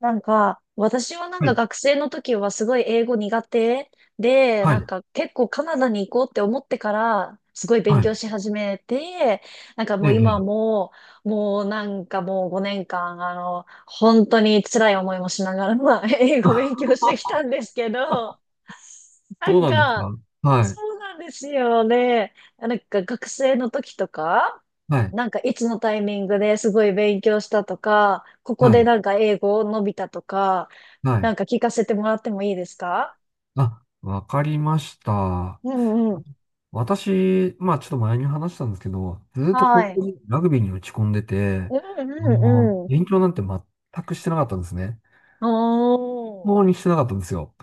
私ははい、学生の時はすごい英語苦手で、はい、なんか結構カナダに行こうって思ってから、すごい勉はい。強し始めて、もええ、うえ今え。も、もうもう5年間、本当に辛い思いもしながら、まあ、英語勉強してきた んですけど、どなうんなんですか、か？はそい、うなんですよね。なんか学生の時とか、はい、なんかいつのタイミングですごい勉強したとか、ここはでい、なんか英語を伸びたとか、はない。んか聞かせてもらってもいいですか？あ、わかりました。うんうん。私、まあちょっと前に話したんですけど、ずっとは高い。校でラグビーに打ち込んでて、うんうんうん。勉強なんて全くしてなかったんですね。おー。当にしてなかったんですよ。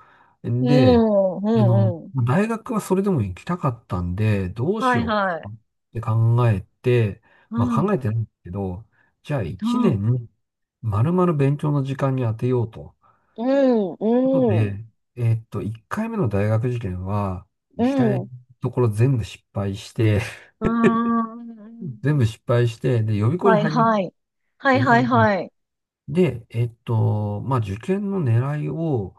うで、んうんうん。大学はそれでも行きたかったんで、どうしはいよはうい。かって考えて、うまあ考んえてないんですけど、じゃあう1ん年、丸々勉強の時間に当てようと。うんことうで、ん1回目の大学受験は、う行きたいん。ところ全部失敗して、う ん。全部失敗して、で、予備校にはい入りました。はい。はい予は備い校にはい。で、まあ、受験の狙いを、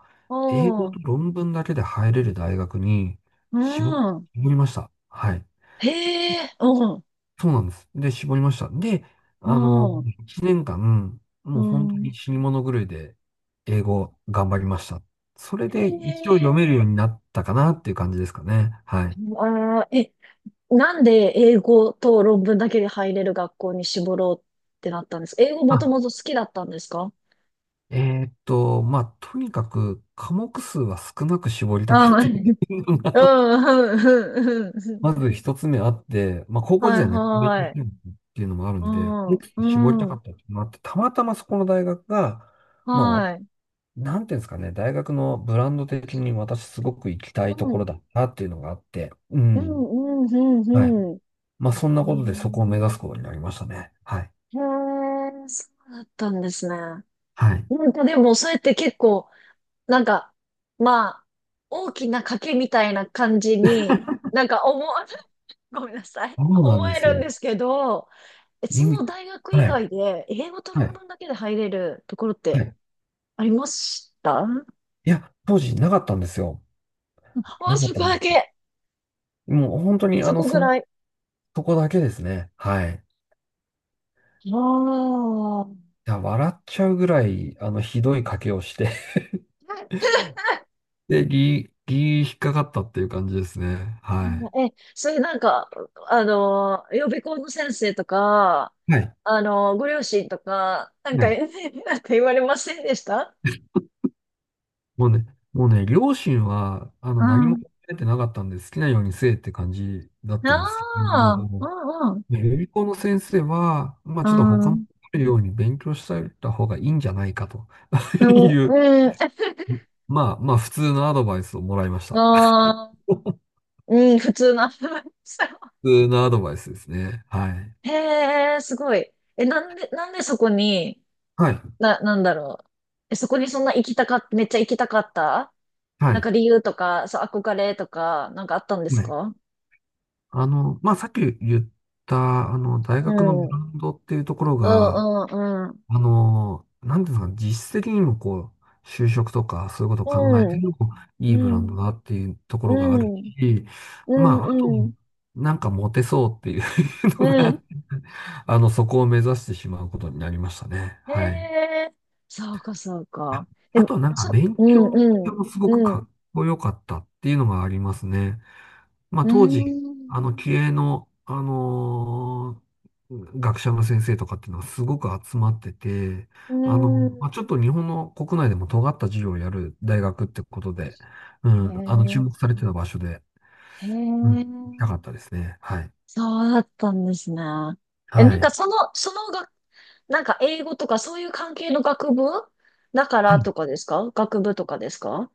英語おとー。論文だけで入れる大学にう絞、ん。絞りました。はい。へえ、うん、そうなんです。で、絞りました。で、あの、うん、1年間、うもう本当ん。に死に物狂いで英語頑張りました。それへで一応読え、めるようになったかなっていう感じですかね。はい。あー、え、なんで英語と論文だけで入れる学校に絞ろうってなったんですか？英語もとあ、もと好きだったんですか？まあ、とにかく科目数は少なく絞りたかあっあ、た。うん、うん、うん、うん。まず一つ目あって、まあ、高校は時い、代何勉強はしてい。るのっていうのもあるうんで、絞りん、たうかん、ったっていうのもあって、たまたまそこの大学が、まあ、はい。なんていうんですかね、大学のブランド的に私すごく行きたういとこん、ろだったっていうのがあって、ううん。ん、うん、はい。うん、まあ、そんなうことでそこを目指ん。すことになりましたね。はい。へえ、へえ、そうだったんですね。はい。なんかでも、そうやって結構、なんか、まあ、大きな賭けみたいな感じに、なんか思わ、ごめんなさい。そうな思んでえするんよ。ですけど、え、そ今の大学は以い。外で、英語とは論い。文だけで入れるところっはてい。ありましたも、いや、当時なかったんですよ。なかっそたこんだですよ。け。もう本当にそこぐらい。そこだけですね。はい。ああ。や、笑っちゃうぐらい、ひどい賭けをして で、ギー、ギー引っかかったっていう感じですね。はえ、それなんか、予備校の先生とか、い。はい。ご両親とか、なんはか、い。なんか言われませんでした？もうね、もうね、両親は、う何もん、考えてなかったんで、好きなようにせえって感じだっあたんですけどあ、も、うんう予備校の先生は、まあ、ちょっとん。う他のん。よように勉強しておいた方がいいんじゃないかと で も、いう、うん。まあ、普通のアドバイスをもらいました。ああ、うん、普通のアルバイトさん。普通のアドバイスですね。はい。へえ、すごい。え、なんで、なんでそこに、はい。なんだろう。え、そこにそんな行きたかっめっちゃ行きたかったはなんかい。理由とか、そう、憧れとか、なんかあったんですはい。か？まあ、さっき言った、あの、う大学のブん。ランドっていうところうが、ん、うん、うん。なんていうんですかね、実質的にもこう、就職とかそういうことをう考えてん、もいいうブランドん、だっていうとこうろがあるん、し、うまあ、あと、ん、うん、なんかモテそうっていう のうん、が、そこを目指してしまうことになりましたね。へはい。え、そうか、そうか。あ、え、あとはなんか勉う強ん、の環境うん、もすごくうかん、っこよかったっていうのがありますね。まあ、う当時、ん、気鋭の、学者の先生とかっていうのはすごく集まってて、うあの、まあ、ん。ちょっと日本の国内でも尖った授業をやる大学ってことで、うん、注へ目されてた場所で、え、へうん、行え、きたかったですね。はい。そうだったんですね。え、はなんかい。その、そのが、なんか英語とかそういう関係の学部だかはらい。とかですか？学部とかですか？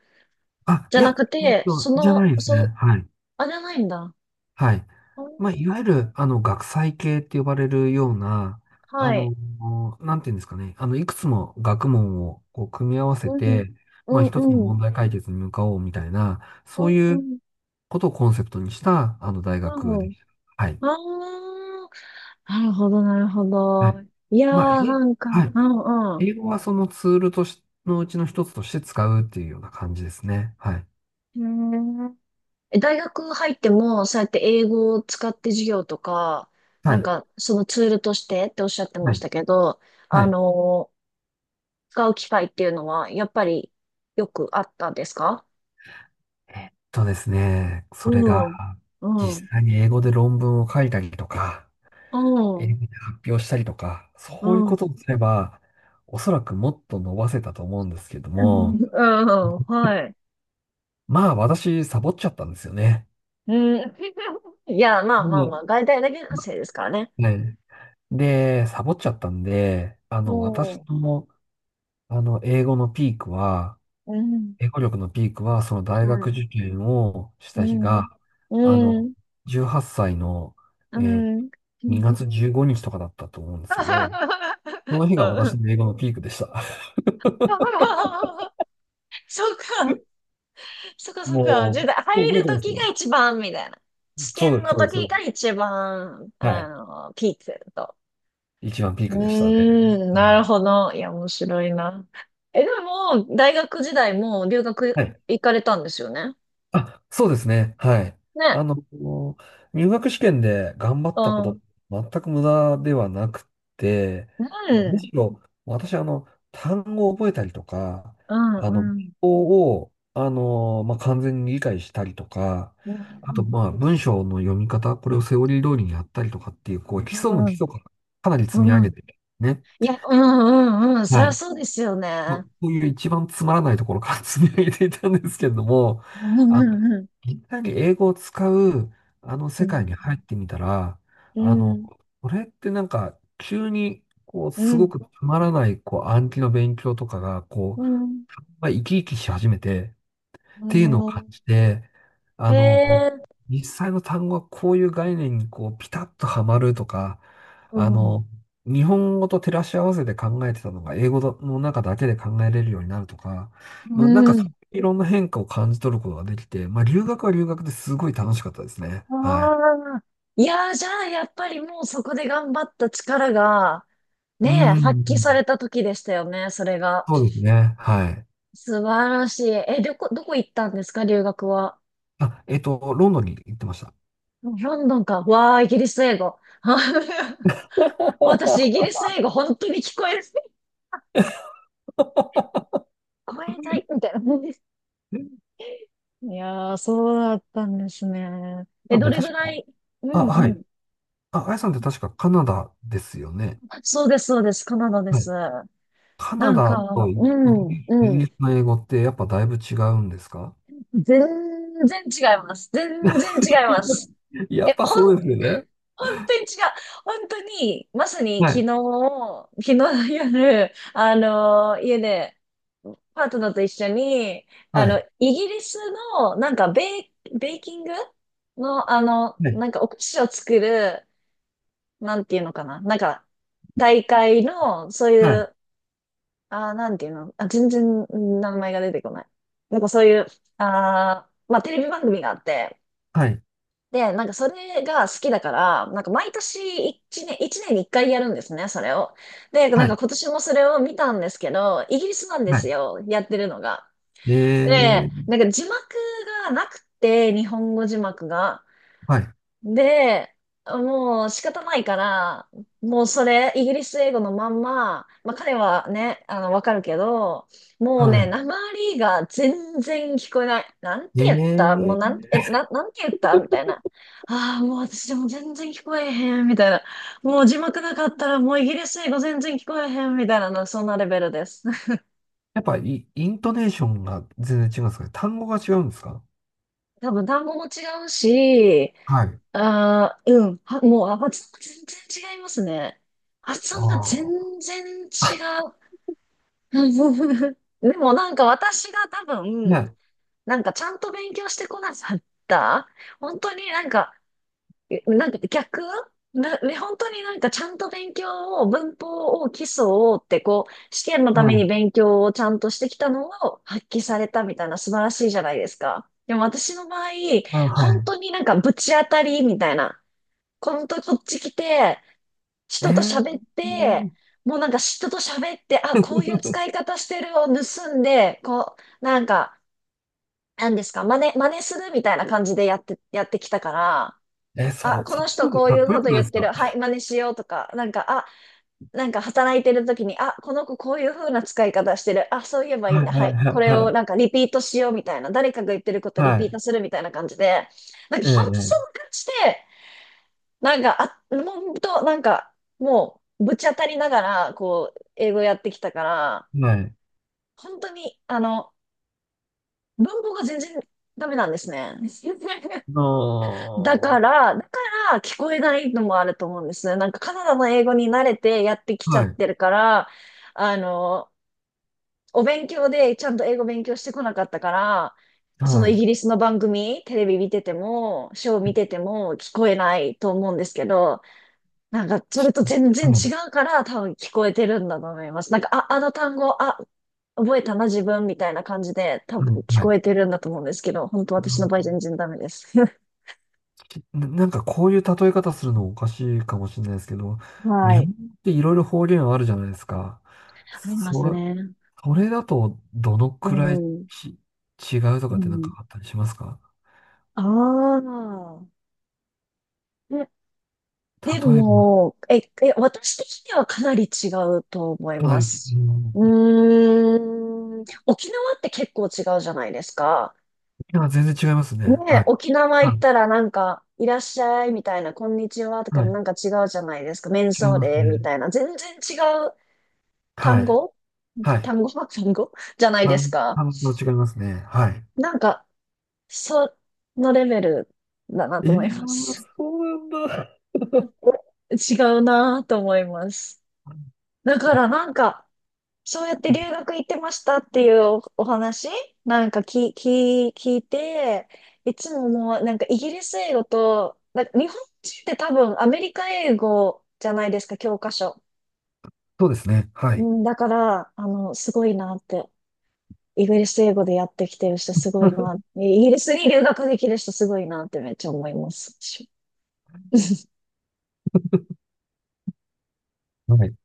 あ、あじいゃなや、くて、そじゃないの、ですそね。う、はい。あ、じゃないんだ。はい。あ、まあ、いわゆる、学際系って呼ばれるような、あはい。の、なんていうんですかね、いくつも学問をこう組み合わせうん、て、うまあ、一つのん、うん、問題解決に向かおうみたいな、そうういうん、ことをコンセプトにした、あの、大う学ん、うでん。した。はい。ああ、なるほど、なるほはい。ど。いやー、まあ、なんはか、うい。んう英語はそのツールとし、のうちの一つとして使うっていうような感じですね。はい。ん。へー、え、大学入っても、そうやって英語を使って授業とか、はなんい。か、そのツールとしてっておっしゃってまはしい。たけど、はあい。のー使う機会っていうのは、やっぱりよくあったんですか？えっとですね、うそれが、ん、うん、う実ん、際に英語で論文を書いたりとか、う英ん、語で発表したりとか、そういうことをすれば、おそらくもっと伸ばせたと思うんですけどうん、も、うん、はい。まあ私、サボっちゃったんですよね。うん。いや、まあまあもまあ、外大だけう、のませいですからね。はい。で、サボっちゃったんで、う私ん、の、英語のピークは、うん、英語力のピークは、その大は学い。受験をしうた日ん。が、あうの、ん。18歳の、うえーん。2月15日とかだったと思うんですけど、その日がう私ん、の英語のピークでした。そうか、そうか、そうか。じゃもあ、う、入覚えるてまとすきがよ。一番、みたいな。試そ験うです、のそうとです、そきうでがす。一番、はい。ピークと。一番ピークうでしたね。ーん、はなるい。ほど。いや、面白いな。え、でも、大学時代も留は学い。行かれたんですよね。あ、そうですね。はい。あね。の、入学試験で頑張うったこん。うと、ん。全く無駄ではなくて、むしろ、私、単語を覚えたりとか、うん、文うん。法を、まあ、完全に理解したりとか、うあと、ん。まあ、文章の読み方、これをセオリー通りにやったりとかっていう、こう、基う礎の基ん。礎からかなり積み上うげん。てね。いや、うんうんうん。そりはゃい。そうですよまあ、ね。こういう一番つまらないところから 積み上げていたんですけれども、うんあの、うんいきなり英語を使う、あのう世界にん。入ってみたら、うあの、ん。これってなんか、急に、こう、うすごん。くつまらない、こう、暗記の勉強とかが、こう、うん。まあ、生き生きし始めて、っうていうのを感じん。て、あへの、え。実際の単語はこういう概念にこうピタッとはまるとか、うあん。の、日本語と照らし合わせて考えてたのが英語の中だけで考えれるようになるとか、まあ、なんかうそん。ういういろんな変化を感じ取ることができて、まあ、留学は留学ですごい楽しかったですね。あはい。あ。いやー、じゃあ、やっぱりもうそこで頑張った力が、うーねえ、発揮されん。た時でしたよね、それが。そうですね。はい。素晴らしい。え、どこ、どこ行ったんですか、留学は？あ、ロンドンに行ってました。ロンドンか。わあ、イギリス英語。私、イギ リス英語、本当に聞こえる。聞こえない、みたいな。いやー、そうだったんですね。え、なんどでれぐ確らか、いうあ、んはうい。ん。あ、あやさんって確かカナダですよね。そうです、そうです。カナダではす。い。カなナんか、ダとイうイギん、リイうギリん。スの英語ってやっぱだいぶ違うんですか？ 全然違います。全然違います。やっえ、ぱほん、そうですよね。本当に違う。本当に、まさには昨日、い。昨日の夜、あの家で、パートナーと一緒に、はい。イギリスの、なんかベーキングの、はい。なんかお菓子を作る、なんていうのかな。なんか、大会の、そうはいい。う、あー、なんていうの。あ、全然名前が出てこない。なんかそういう、あー、まあ、テレビ番組があって、はい。で、なんかそれが好きだから、なんか毎年一年、一年に一回やるんですね、それを。で、なはんかい。今年もそれを見たんですけど、イギリスなんですはよ、やってるのが。い。えで、ー。なんか字幕がなくて、日本語字幕が。はい。で、もう仕方ないから、もうそれ、イギリス英語のまんま、まあ彼はね、わかるけど、もうね、は訛りが全然聞こえない。なんい。て言ったもうえなん、ー。なんて言ったみたいな。ああ、もう私でも全然聞こえへん、みたいな。もう字幕なかったらもうイギリス英語全然聞こえへん、みたいなの、そんなレベルです。やっぱイントネーションが全然違うんですかね。単語が違うんですか？多分単語も違うし、はい。ああ、うん。もう、あ、発音が全然違いますね。発あ音があ。全然違う。でもなんか私が多分、ね。なんかちゃんと勉強してこなかった。本当になんか、えなんか逆な、ね、本当になんかちゃんと勉強を、文法を、基礎をってこう、試験のたはめにい。勉強をちゃんとしてきたのを発揮されたみたいな素晴らしいじゃないですか。でも私の場合、あ、本は当になんかぶち当たりみたいな。本当こっち来て、い。え人と喋って、ー。もうなんか人と喋って、あ、こういう使い 方してるを盗んで、こう、なんか、なんですか、真似、真似するみたいな感じでやって、やってきたから、そあ、う、こそっのち人の方こがうかいっうこよこくとない言でっすてか？る、はい、真似しようとか、なんか、あ、なんか働いてる時に、あ、この子こういう風な使い方してる、あ、そういえばいいんはい。だ、ははい。い、はこい。れはをい。なんかリピートしようみたいな、誰かが言ってることリはピーい。トするみたいな感じで、なんかえ半端そんえ。えな感じで、なんか、あ、ほんと、なんか、もう、ぶち当たりながら、こう、英語やってきたから、え。はい。本当に、文法が全然ダメなんですね。ああ、だかはら、だから聞こえないのもあると思うんですね。なんかカナダの英語に慣れてやってきちゃい、ってるから、あの、お勉強でちゃんと英語勉強してこなかったから、そのはイい。ギリスの番組、テレビ見てても、ショー見てても聞こえないと思うんですけど、なんか、そち、れと全は然違い、うから、多分聞こえてるんだと思います。なんか、あ、あの単語、あ、覚えたな、自分、みたいな感じで、多は分い、聞はい。こえてるんだと思うんですけど、本当う私の場合ん、全然ダメです。なんかこういう例え方するのおかしいかもしれないですけど、は日い。本っていろいろ方言あるじゃないですか。ありますそ、ね。それだとどのうくらいん。違うとうかってなんかん。あったりしますか？ああ。えで例えば、も、私的にはかなり違うと思いはまい、うん、す。ういーん。沖縄って結構違うじゃないですか。や、全然違いますねね。はえ、い。沖縄行はっい、たらなんか、いらっしゃいみたいな、こんにちはとかはい、なんか違うじゃないですか。メン違いソーますレみね。たいな。全然違うは単い、語、はい。単語 単語じゃないあですの、あか。の、違いますね。はい。なんか、そのレベルだなえと思ー、います。そうなんだ。え、違うなと思います。だからな んか、そうやって留学行ってましたっていうお話なんか聞いて、いつももうなんかイギリス英語と、だ日本人って多分アメリカ英語じゃないですか、教科書。そうですね。はうい。ん、だから、あの、すごいなって。イギリス英語でやってきてる人すごいな。イギリスに留学できる人すごいなってめっちゃ思います。はい。